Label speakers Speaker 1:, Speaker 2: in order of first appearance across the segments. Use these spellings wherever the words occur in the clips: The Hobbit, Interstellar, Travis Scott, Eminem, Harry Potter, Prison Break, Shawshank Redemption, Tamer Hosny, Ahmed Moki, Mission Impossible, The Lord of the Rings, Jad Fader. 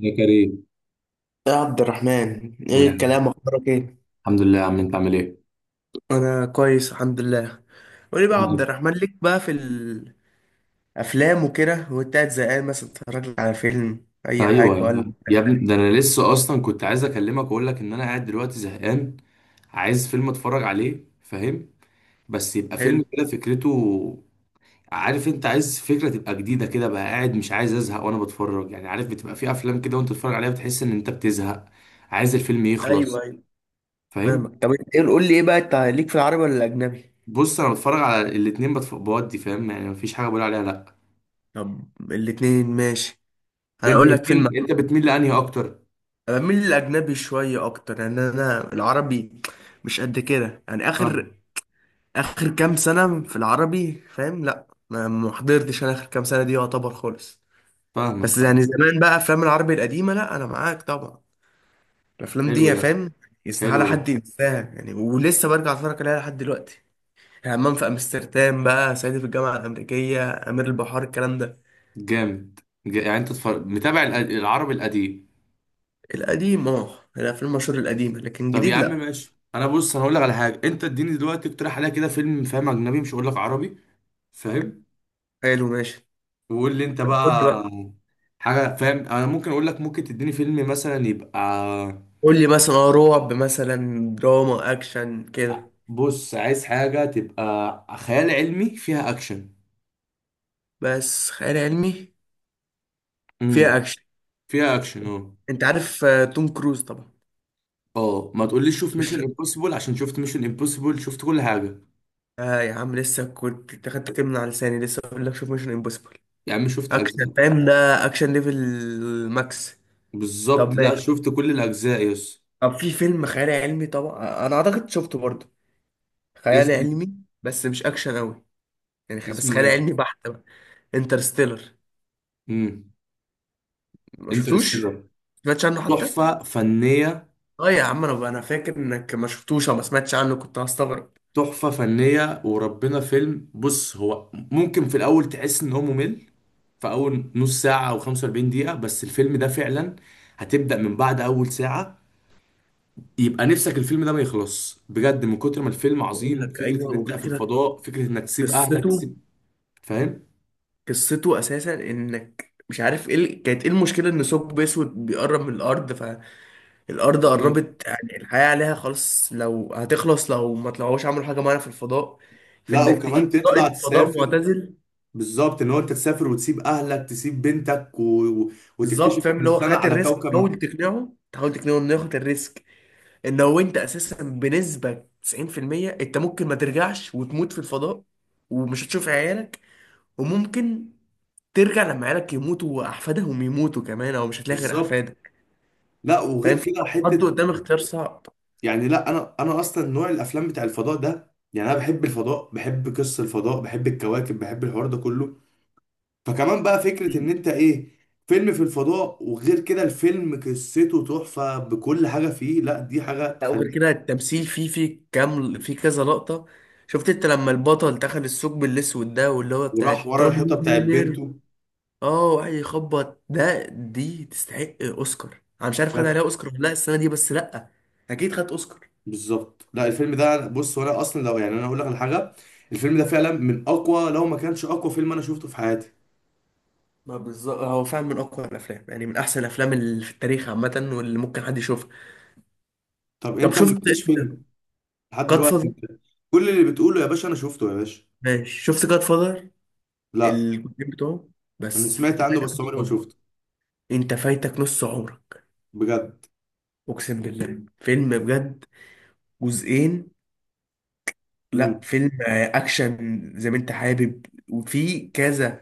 Speaker 1: يا كريم،
Speaker 2: يا عبد الرحمن، ايه
Speaker 1: عامل إيه؟
Speaker 2: الكلام؟ اخبارك ايه؟
Speaker 1: الحمد لله يا عم، انت عامل ايه؟
Speaker 2: انا كويس، الحمد لله. قولي بقى يا
Speaker 1: الحمد
Speaker 2: عبد
Speaker 1: لله.
Speaker 2: الرحمن، ليك بقى في الافلام وكده؟ وانت قاعد زهقان مثلا تتفرج على فيلم اي
Speaker 1: ايوه
Speaker 2: حاجه ولا؟
Speaker 1: يا ابني، ده انا لسه اصلا كنت عايز اكلمك واقول لك ان انا قاعد دلوقتي زهقان، عايز فيلم اتفرج عليه، فاهم؟ بس يبقى
Speaker 2: حلو.
Speaker 1: فيلم كده فكرته. عارف؟ انت عايز فكره تبقى جديده كده، بقى قاعد مش عايز ازهق وانا بتفرج، يعني عارف بتبقى في افلام كده وانت بتتفرج عليها بتحس ان انت بتزهق، عايز الفيلم يخلص،
Speaker 2: ايوه، ايوه،
Speaker 1: فاهم؟
Speaker 2: فاهمك. طب انت ايه؟ قول لي ايه بقى، انت ليك في العربي ولا الاجنبي؟
Speaker 1: بص، انا بتفرج على الاتنين، بودي، فاهم؟ يعني مفيش حاجه بقول عليها لا.
Speaker 2: طب، الاتنين ماشي. انا
Speaker 1: انت
Speaker 2: اقول لك فيلم.
Speaker 1: بتميل انت بتميل لانهي اكتر؟
Speaker 2: انا بميل للاجنبي شويه اكتر، لان انا العربي مش قد كده، يعني
Speaker 1: فاهم.
Speaker 2: اخر كام سنه في العربي، فاهم؟ لا، ما حضرتش انا اخر كام سنه دي، يعتبر خالص.
Speaker 1: فاهمك.
Speaker 2: بس يعني زمان بقى افلام العربي القديمه، لا انا معاك طبعا. الافلام دي،
Speaker 1: حلو
Speaker 2: يا
Speaker 1: ده.
Speaker 2: فاهم،
Speaker 1: حلو
Speaker 2: يستحاله
Speaker 1: ده.
Speaker 2: حد ينساها، يعني ولسه برجع اتفرج عليها لحد دلوقتي. همام في امستردام، بقى صعيدي في الجامعه الامريكيه، امير البحار، الكلام ده.
Speaker 1: جامد. يعني انت متابع العربي القديم.
Speaker 2: القديم، اه، يعني الافلام المشهور القديمه، لكن
Speaker 1: طب يا
Speaker 2: جديد
Speaker 1: عم
Speaker 2: لا.
Speaker 1: ماشي، انا بص انا هقول لك على حاجه، انت اديني دلوقتي اقترح عليا كده فيلم، فاهم؟ اجنبي مش هقول لك عربي. فاهم.
Speaker 2: حلو، ماشي.
Speaker 1: وقول لي انت
Speaker 2: قول لي
Speaker 1: بقى
Speaker 2: بقى.
Speaker 1: حاجه، فاهم؟ انا ممكن اقول لك، ممكن تديني فيلم مثلا يبقى.
Speaker 2: قول لي مثلا رعب، مثلا دراما، اكشن كده.
Speaker 1: بص، عايز حاجه تبقى خيال علمي فيها اكشن.
Speaker 2: بس خيال علمي فيها
Speaker 1: امم.
Speaker 2: اكشن.
Speaker 1: فيها اكشن، اه.
Speaker 2: انت عارف توم كروز طبعا.
Speaker 1: اه، ما تقوليش شوف
Speaker 2: مش...
Speaker 1: ميشن امبوسيبل عشان شفت ميشن امبوسيبل، شفت كل حاجه.
Speaker 2: آه يا عم، لسه كنت أنت خدت كلمة من على لساني، لسه بقول لك شوف ميشن امبوسيبل.
Speaker 1: يا عم شفت
Speaker 2: اكشن،
Speaker 1: اجزاء.
Speaker 2: فاهم؟ ده اكشن ليفل ماكس. طب
Speaker 1: بالظبط، لا
Speaker 2: ماشي.
Speaker 1: شفت كل الاجزاء، يس.
Speaker 2: طب في فيلم خيال علمي، طبعا انا اعتقد شفته برضه. خيال
Speaker 1: اسمه.
Speaker 2: علمي، بس مش اكشن قوي، يعني بس
Speaker 1: اسمه
Speaker 2: خيال
Speaker 1: ايه.
Speaker 2: علمي بحت بقى. انترستيلر.
Speaker 1: امم.
Speaker 2: ما شفتوش؟
Speaker 1: انترستيلر.
Speaker 2: ما سمعتش عنه حتى؟
Speaker 1: تحفه فنيه.
Speaker 2: اه يا عم، انا فاكر انك ما شفتوش او ما سمعتش عنه، كنت هستغرب.
Speaker 1: تحفه فنيه وربنا، فيلم. بص، هو ممكن في الاول تحس ان هو ممل في اول نص ساعه او 45 دقيقه، بس الفيلم ده فعلا هتبدا من بعد اول ساعه. يبقى نفسك الفيلم ده ما يخلص، بجد من كتر ما الفيلم
Speaker 2: بقول
Speaker 1: عظيم.
Speaker 2: لك
Speaker 1: فكره
Speaker 2: ايوه،
Speaker 1: ان انت
Speaker 2: وغير
Speaker 1: في
Speaker 2: كده
Speaker 1: الفضاء، فكره انك تسيب اهلك
Speaker 2: قصته.
Speaker 1: تسيب، فاهم؟
Speaker 2: قصته اساسا انك مش عارف ايه كانت ايه المشكله، ان ثقب اسود بيقرب من الارض. الارض
Speaker 1: بالظبط،
Speaker 2: قربت، يعني الحياه عليها خلاص، لو هتخلص لو ما طلعوش عملوا حاجه معينه في الفضاء.
Speaker 1: لا
Speaker 2: فانك تجيب
Speaker 1: وكمان تطلع
Speaker 2: رائد فضاء
Speaker 1: تسافر،
Speaker 2: معتزل.
Speaker 1: بالظبط ان هو انت تسافر وتسيب اهلك، تسيب بنتك و- وتكتشف
Speaker 2: بالظبط، فاهم
Speaker 1: ان
Speaker 2: اللي هو
Speaker 1: السنه
Speaker 2: خد
Speaker 1: على
Speaker 2: الريسك،
Speaker 1: كوكب.
Speaker 2: حاول تقنعه تحاول تقنعه انه ياخد الريسك. ان هو انت اساسا بنسبه 90% انت ممكن ما ترجعش وتموت في الفضاء، ومش هتشوف عيالك. وممكن ترجع لما عيالك يموتوا واحفادهم يموتوا كمان، او مش هتلاقي غير
Speaker 1: بالظبط،
Speaker 2: احفادك.
Speaker 1: لا وغير
Speaker 2: فاهم،
Speaker 1: كده
Speaker 2: حد
Speaker 1: حته،
Speaker 2: قدام اختيار صعب.
Speaker 1: يعني لا انا اصلا نوع الافلام بتاع الفضاء ده، يعني انا بحب الفضاء، بحب قصه الفضاء، بحب الكواكب، بحب الحوار ده كله، فكمان بقى فكره ان انت ايه، فيلم في الفضاء، وغير كده الفيلم قصته تحفه بكل حاجه فيه. لا دي حاجه
Speaker 2: لا وغير
Speaker 1: تخليك.
Speaker 2: كده التمثيل فيه كام، فيه كذا لقطة. شفت انت لما البطل دخل الثقب الاسود ده، واللي هو بتاع
Speaker 1: وراح ورا الحيطه
Speaker 2: توني
Speaker 1: بتاعت
Speaker 2: نير.
Speaker 1: بنته.
Speaker 2: اه، وقعد يخبط، ده دي تستحق اوسكار. انا مش عارف خد عليها اوسكار ولا لا السنة دي، بس لا، اكيد خد اوسكار.
Speaker 1: بالظبط، لا الفيلم ده بص، وانا اصلا لو يعني انا اقول لك على حاجه، الفيلم ده فعلا من اقوى، لو ما كانش اقوى فيلم انا شفته في حياتي.
Speaker 2: ما بالظبط، هو فعلا من اقوى الافلام، يعني من احسن الافلام اللي في التاريخ عامة واللي ممكن حد يشوفها.
Speaker 1: طب
Speaker 2: طب
Speaker 1: انت ما
Speaker 2: شفت
Speaker 1: قلتليش
Speaker 2: اسمه ده،
Speaker 1: فيلم لحد
Speaker 2: جاد
Speaker 1: دلوقتي،
Speaker 2: فاذر؟
Speaker 1: انت كل اللي بتقوله يا باشا انا شفته يا باشا.
Speaker 2: ماشي، شفت جاد فاذر؟
Speaker 1: لا،
Speaker 2: الجزئين بتوعه.
Speaker 1: انا
Speaker 2: بس
Speaker 1: سمعت
Speaker 2: انت
Speaker 1: عنه
Speaker 2: فايتك
Speaker 1: بس عمري
Speaker 2: نص
Speaker 1: ما
Speaker 2: عمرك.
Speaker 1: شفته.
Speaker 2: انت فايتك نص عمرك.
Speaker 1: بجد.
Speaker 2: اقسم بالله، فيلم بجد. جزئين. لا
Speaker 1: امم.
Speaker 2: فيلم اكشن زي ما انت حابب. وفي كذا.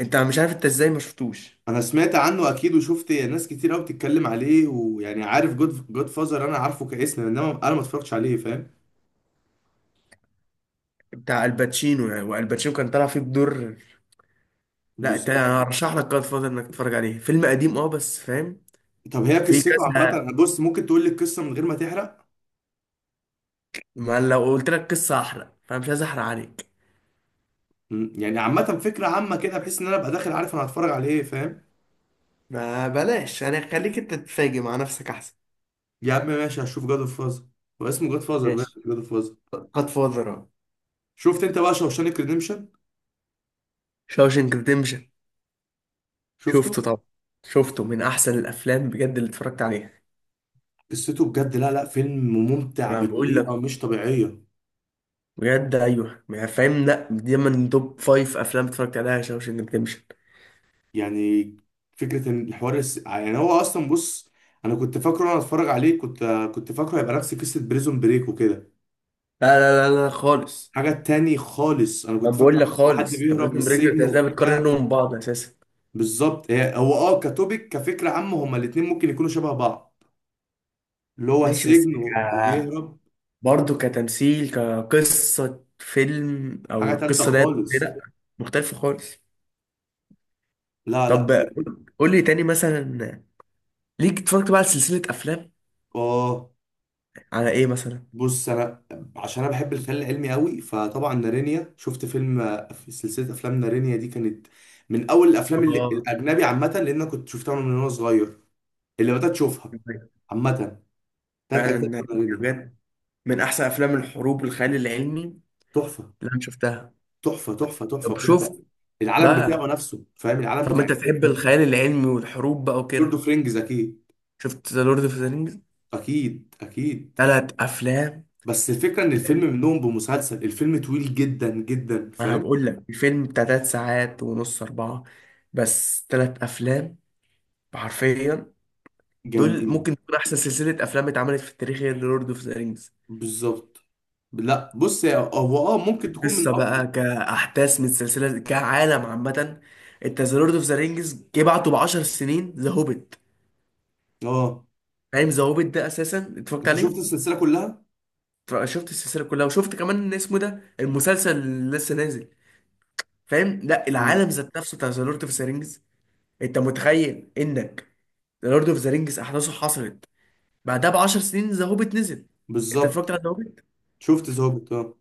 Speaker 2: انت مش عارف انت ازاي ما شفتوش.
Speaker 1: انا سمعت عنه اكيد، وشفت ناس كتير قوي بتتكلم عليه، ويعني عارف جود فازر، انا عارفه كاسم، انما انا ما اتفرجتش عليه، فاهم؟
Speaker 2: بتاع الباتشينو، يعني، والباتشينو كان طالع فيه بدور. لا انت،
Speaker 1: بالظبط.
Speaker 2: انا ارشح لك جاد فاذر انك تتفرج عليه، فيلم قديم اه، بس فاهم.
Speaker 1: طب هي
Speaker 2: في
Speaker 1: قصته
Speaker 2: كذا.
Speaker 1: عامه، بص ممكن تقول لي القصه من غير ما تحرق.
Speaker 2: ما لو قلت لك قصه احرق، فمش عايز احرق عليك.
Speaker 1: مم. يعني عامة، فكرة عامة كده بحيث ان انا ابقى داخل عارف انا هتفرج على ايه، فاهم؟
Speaker 2: ما بلاش يعني، خليك انت تتفاجئ مع نفسك احسن.
Speaker 1: يا عم ماشي، هشوف جاد اوف فازر. هو اسمه جاد فازر بقى،
Speaker 2: ماشي.
Speaker 1: جاد اوف فازر.
Speaker 2: قد فاضرة.
Speaker 1: شفت انت بقى شوشانك ريديمشن؟
Speaker 2: شاوشنك ريديمشن.
Speaker 1: شفته.
Speaker 2: شفته طبعا. شفته من احسن الافلام بجد اللي اتفرجت عليها.
Speaker 1: قصته بجد، لا لا فيلم ممتع
Speaker 2: ما بقول
Speaker 1: بطريقة
Speaker 2: لك.
Speaker 1: مش طبيعية.
Speaker 2: بجد ايوه، ما فاهم؟ لا، دي من توب فايف افلام اتفرجت عليها، شاوشنج ريديمشن.
Speaker 1: يعني فكرة ان الحوار يعني هو اصلا، بص انا كنت فاكره وانا اتفرج عليه، كنت فاكره هيبقى نفس قصة بريزون بريك وكده.
Speaker 2: لا، لا، لا، لا، خالص.
Speaker 1: حاجة تاني خالص انا
Speaker 2: ما
Speaker 1: كنت
Speaker 2: بقول
Speaker 1: فاكر
Speaker 2: لك
Speaker 1: حد
Speaker 2: خالص. طب
Speaker 1: بيهرب من
Speaker 2: بريزون بريك، انت
Speaker 1: السجن
Speaker 2: ازاي
Speaker 1: وبتاع.
Speaker 2: بتقارنهم ببعض اساسا؟
Speaker 1: بالظبط، هي هو كتوبيك كفكره عامه، هما الاثنين ممكن يكونوا شبه بعض، اللي هو
Speaker 2: ماشي، بس
Speaker 1: السجن وبيهرب.
Speaker 2: برضه كتمثيل، كقصه فيلم
Speaker 1: حاجه
Speaker 2: او
Speaker 1: تالته
Speaker 2: قصه دايره.
Speaker 1: خالص.
Speaker 2: لا، مختلفه خالص.
Speaker 1: لا لا
Speaker 2: طب
Speaker 1: بجد.
Speaker 2: قول لي تاني مثلا، ليك اتفرجت بقى على سلسله افلام،
Speaker 1: اه
Speaker 2: على ايه مثلا؟
Speaker 1: بص، انا عشان انا بحب الخيال العلمي قوي فطبعا نارينيا، شفت فيلم في سلسله افلام نارينيا دي، كانت من اول الافلام اللي
Speaker 2: اه
Speaker 1: الاجنبي عامه، لان انا كنت شفتها من وانا صغير اللي بدات اشوفها عامه، تلات اجزاء
Speaker 2: فعلا،
Speaker 1: من نارينيا.
Speaker 2: بجد من احسن افلام الحروب والخيال العلمي
Speaker 1: تحفه
Speaker 2: اللي انا شفتها.
Speaker 1: تحفه تحفه. تحفه
Speaker 2: طب
Speaker 1: بجد.
Speaker 2: شفت
Speaker 1: العالم بتاعه
Speaker 2: بقى،
Speaker 1: نفسه، فاهم؟ العالم
Speaker 2: طب
Speaker 1: بتاع
Speaker 2: انت تحب
Speaker 1: الفيلم.
Speaker 2: الخيال العلمي والحروب بقى
Speaker 1: لورد
Speaker 2: وكده؟
Speaker 1: اوف رينجز اكيد.
Speaker 2: شفت ذا لورد اوف ذا رينجز؟
Speaker 1: اكيد اكيد.
Speaker 2: ثلاث افلام.
Speaker 1: بس الفكره ان الفيلم
Speaker 2: فاهم؟
Speaker 1: منهم بمسلسل، الفيلم طويل جدا جدا،
Speaker 2: ما
Speaker 1: فاهم؟
Speaker 2: بقول لك الفيلم بتاع ثلاث ساعات ونص، اربعه. بس ثلاث افلام حرفيا. دول
Speaker 1: جامدين.
Speaker 2: ممكن تكون احسن سلسله افلام اتعملت في التاريخ، هي لورد اوف ذا رينجز.
Speaker 1: بالظبط، لا بص هو ممكن تكون من
Speaker 2: قصه
Speaker 1: اقوى.
Speaker 2: بقى كاحداث من السلسله، كعالم عامه. انت ذا لورد اوف ذا رينجز، جه بعته ب 10 سنين ذا هوبيت.
Speaker 1: اه،
Speaker 2: فاهم؟ ذا هوبيت ده اساسا اتفرجت
Speaker 1: انت شفت
Speaker 2: عليه.
Speaker 1: السلسله كلها.
Speaker 2: فشفت السلسله كلها، وشفت كمان إن اسمه ده المسلسل اللي لسه نازل. فاهم، لا
Speaker 1: مم.
Speaker 2: العالم ذات نفسه بتاع ذا لورد اوف ذا رينجز. انت متخيل انك ذا لورد اوف ذا رينجز احداثه حصلت، بعدها ب 10 سنين ذا هوبيت نزل. انت
Speaker 1: بالظبط.
Speaker 2: اتفرجت على ذا هوبيت؟
Speaker 1: شفت ظابط، اه.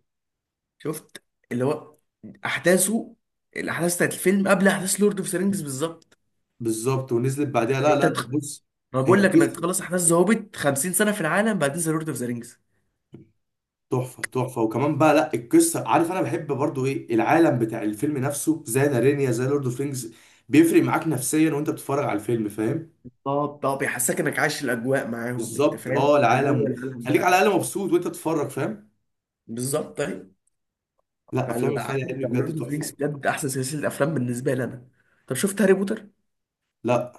Speaker 2: شفت. اللي هو احداثه، الاحداث بتاعت الفيلم قبل احداث لورد اوف ذا رينجز بالظبط.
Speaker 1: بالظبط، ونزلت بعدها. لا
Speaker 2: انت
Speaker 1: لا لا
Speaker 2: تخ...
Speaker 1: بص،
Speaker 2: انا
Speaker 1: هي
Speaker 2: بقول لك انك
Speaker 1: قصه
Speaker 2: تخلص احداث ذا هوبيت 50 سنه في العالم، بعدين ذا لورد اوف ذا رينجز.
Speaker 1: تحفه تحفه. وكمان بقى لا، القصه عارف انا بحب برضو ايه، العالم بتاع الفيلم نفسه زي نارينيا، زي لورد اوف رينجز، بيفرق معاك نفسيا وانت بتتفرج على الفيلم، فاهم؟
Speaker 2: طب بيحسسك انك عايش الاجواء معاهم، انت
Speaker 1: بالظبط،
Speaker 2: فاهم
Speaker 1: اه،
Speaker 2: انت جوه
Speaker 1: العالم
Speaker 2: العالم
Speaker 1: خليك على
Speaker 2: بتاعهم.
Speaker 1: الاقل مبسوط وانت تتفرج، فاهم؟
Speaker 2: بالظبط، طيب.
Speaker 1: لا افلام
Speaker 2: فالعالم
Speaker 1: الخيال العلمي
Speaker 2: بتاع لورد
Speaker 1: بجد
Speaker 2: اوف رينجز،
Speaker 1: تحفه.
Speaker 2: بجد احسن سلسله افلام بالنسبه لي انا. طب شفت هاري بوتر؟
Speaker 1: لا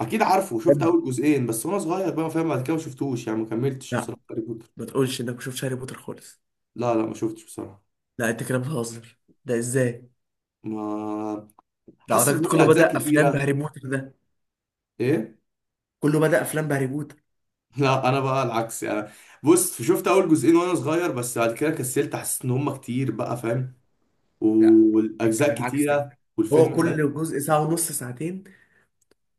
Speaker 1: اكيد عارفه، شفت
Speaker 2: بجد،
Speaker 1: اول جزئين بس وانا صغير، بقى فاهم بعد كده ما شفتوش يعني، ما كملتش
Speaker 2: لا
Speaker 1: بصراحه هاري بوتر.
Speaker 2: ما تقولش انك ما شفتش هاري بوتر خالص.
Speaker 1: لا لا ما شفتش بصراحه.
Speaker 2: لا انت كده بتهزر، ده ازاي؟
Speaker 1: ما،
Speaker 2: ده
Speaker 1: حاسس ان
Speaker 2: اعتقد
Speaker 1: هو
Speaker 2: كله
Speaker 1: الاجزاء
Speaker 2: بدأ افلام
Speaker 1: كتيره.
Speaker 2: بهاري بوتر ده.
Speaker 1: ايه.
Speaker 2: كله بدأ افلام بهاري بوتر.
Speaker 1: لا انا بقى العكس يعني، بص شفت اول جزئين وانا صغير، بس بعد كده كسلت حسيت ان هم كتير بقى، فاهم؟
Speaker 2: لا، انت
Speaker 1: والاجزاء
Speaker 2: بالعكس ده.
Speaker 1: كتيره،
Speaker 2: هو
Speaker 1: والفيلم فاهم،
Speaker 2: كل جزء ساعة ونص، ساعتين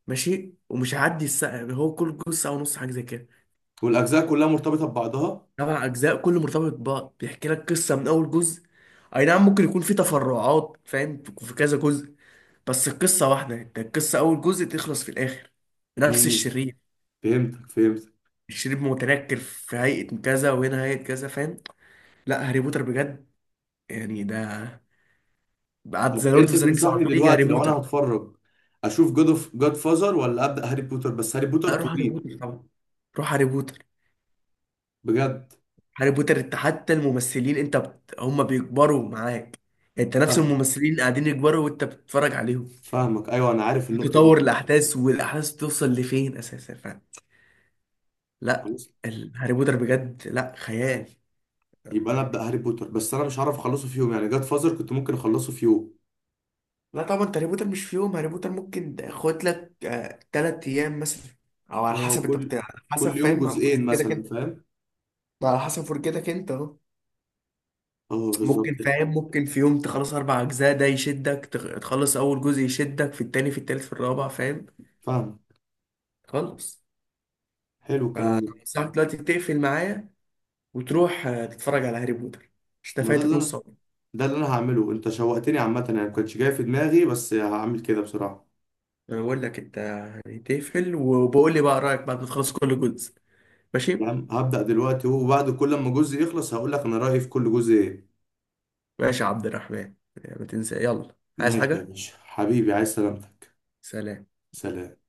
Speaker 2: ماشي، ومش هيعدي الساعة، يعني هو كل جزء ساعة ونص حاجة زي كده.
Speaker 1: والاجزاء كلها مرتبطه ببعضها.
Speaker 2: سبع أجزاء كله مرتبط ببعض، بيحكي لك قصة من أول جزء. أي نعم، ممكن يكون في تفرعات، فاهم، في كذا جزء. بس القصة واحدة، انت القصة أول جزء تخلص في الآخر. نفس
Speaker 1: امم.
Speaker 2: الشرير.
Speaker 1: فهمتك. فهمت.
Speaker 2: الشرير متنكر في هيئة كذا، وهنا هيئة كذا، فاهم؟ لا، هاري بوتر بجد، يعني ده بعد ذا
Speaker 1: طب
Speaker 2: لورد
Speaker 1: انت
Speaker 2: اوف ذا رينجز على
Speaker 1: تنصحني
Speaker 2: طول يجي هاري
Speaker 1: دلوقتي لو انا
Speaker 2: بوتر.
Speaker 1: هتفرج، اشوف جود اوف جاد فازر ولا ابدا هاري بوتر؟ بس هاري بوتر
Speaker 2: لا، روح هاري
Speaker 1: طويل.
Speaker 2: بوتر طبعا. روح هاري بوتر.
Speaker 1: بجد.
Speaker 2: هاري بوتر، انت حتى الممثلين انت بت... هم بيكبروا معاك. انت نفس
Speaker 1: فاهم.
Speaker 2: الممثلين قاعدين يكبروا وانت بتتفرج عليهم.
Speaker 1: فاهمك، ايوه انا عارف النقطه دي.
Speaker 2: تطور الأحداث والأحداث توصل لفين أساسا، فاهم؟ لا.
Speaker 1: خلاص.
Speaker 2: هاري بوتر بجد، لا خيال
Speaker 1: يبقى انا
Speaker 2: يعني.
Speaker 1: ابدا هاري بوتر، بس انا مش هعرف اخلصه في يوم، يعني جاد فازر كنت ممكن اخلصه في يوم.
Speaker 2: لا طبعا، انت هاري بوتر مش في يوم. هاري بوتر ممكن خد لك 3 ايام مثلا، او على
Speaker 1: اه
Speaker 2: حسب انت
Speaker 1: كل
Speaker 2: بتاع، على حسب
Speaker 1: كل يوم
Speaker 2: فاهم، على حسب
Speaker 1: جزئين
Speaker 2: فرجتك
Speaker 1: مثلا،
Speaker 2: انت.
Speaker 1: فاهم؟
Speaker 2: على حسب فرجتك انت اهو.
Speaker 1: اه بالظبط
Speaker 2: ممكن
Speaker 1: كده.
Speaker 2: فاهم، ممكن في يوم تخلص اربع اجزاء، ده يشدك، تخلص اول جزء يشدك في التاني في التالت في الرابع فاهم.
Speaker 1: فاهم.
Speaker 2: خلص.
Speaker 1: حلو الكلام ده.
Speaker 2: فساعة دلوقتي تقفل معايا، وتروح تتفرج على هاري بوتر. مش انت
Speaker 1: ما ده
Speaker 2: فايتك
Speaker 1: اللي
Speaker 2: نص
Speaker 1: انا
Speaker 2: عمرك؟
Speaker 1: ده اللي انا هعمله. انت شوقتني عامه يعني، ما كانش جاي في دماغي بس هعمل كده بسرعه.
Speaker 2: انا بقول لك انت، يعني تقفل وبقول لي بقى رايك بعد ما تخلص كل جزء. ماشي.
Speaker 1: فاهم. هبدا دلوقتي، وبعد كل ما جزء يخلص هقول لك انا رايي في كل جزء ايه.
Speaker 2: ماشي يا عبد الرحمن. ما تنسى، يلا، عايز
Speaker 1: ماشي يا
Speaker 2: حاجة.
Speaker 1: باشا حبيبي، عايز سلامتك.
Speaker 2: سلام.
Speaker 1: سلام.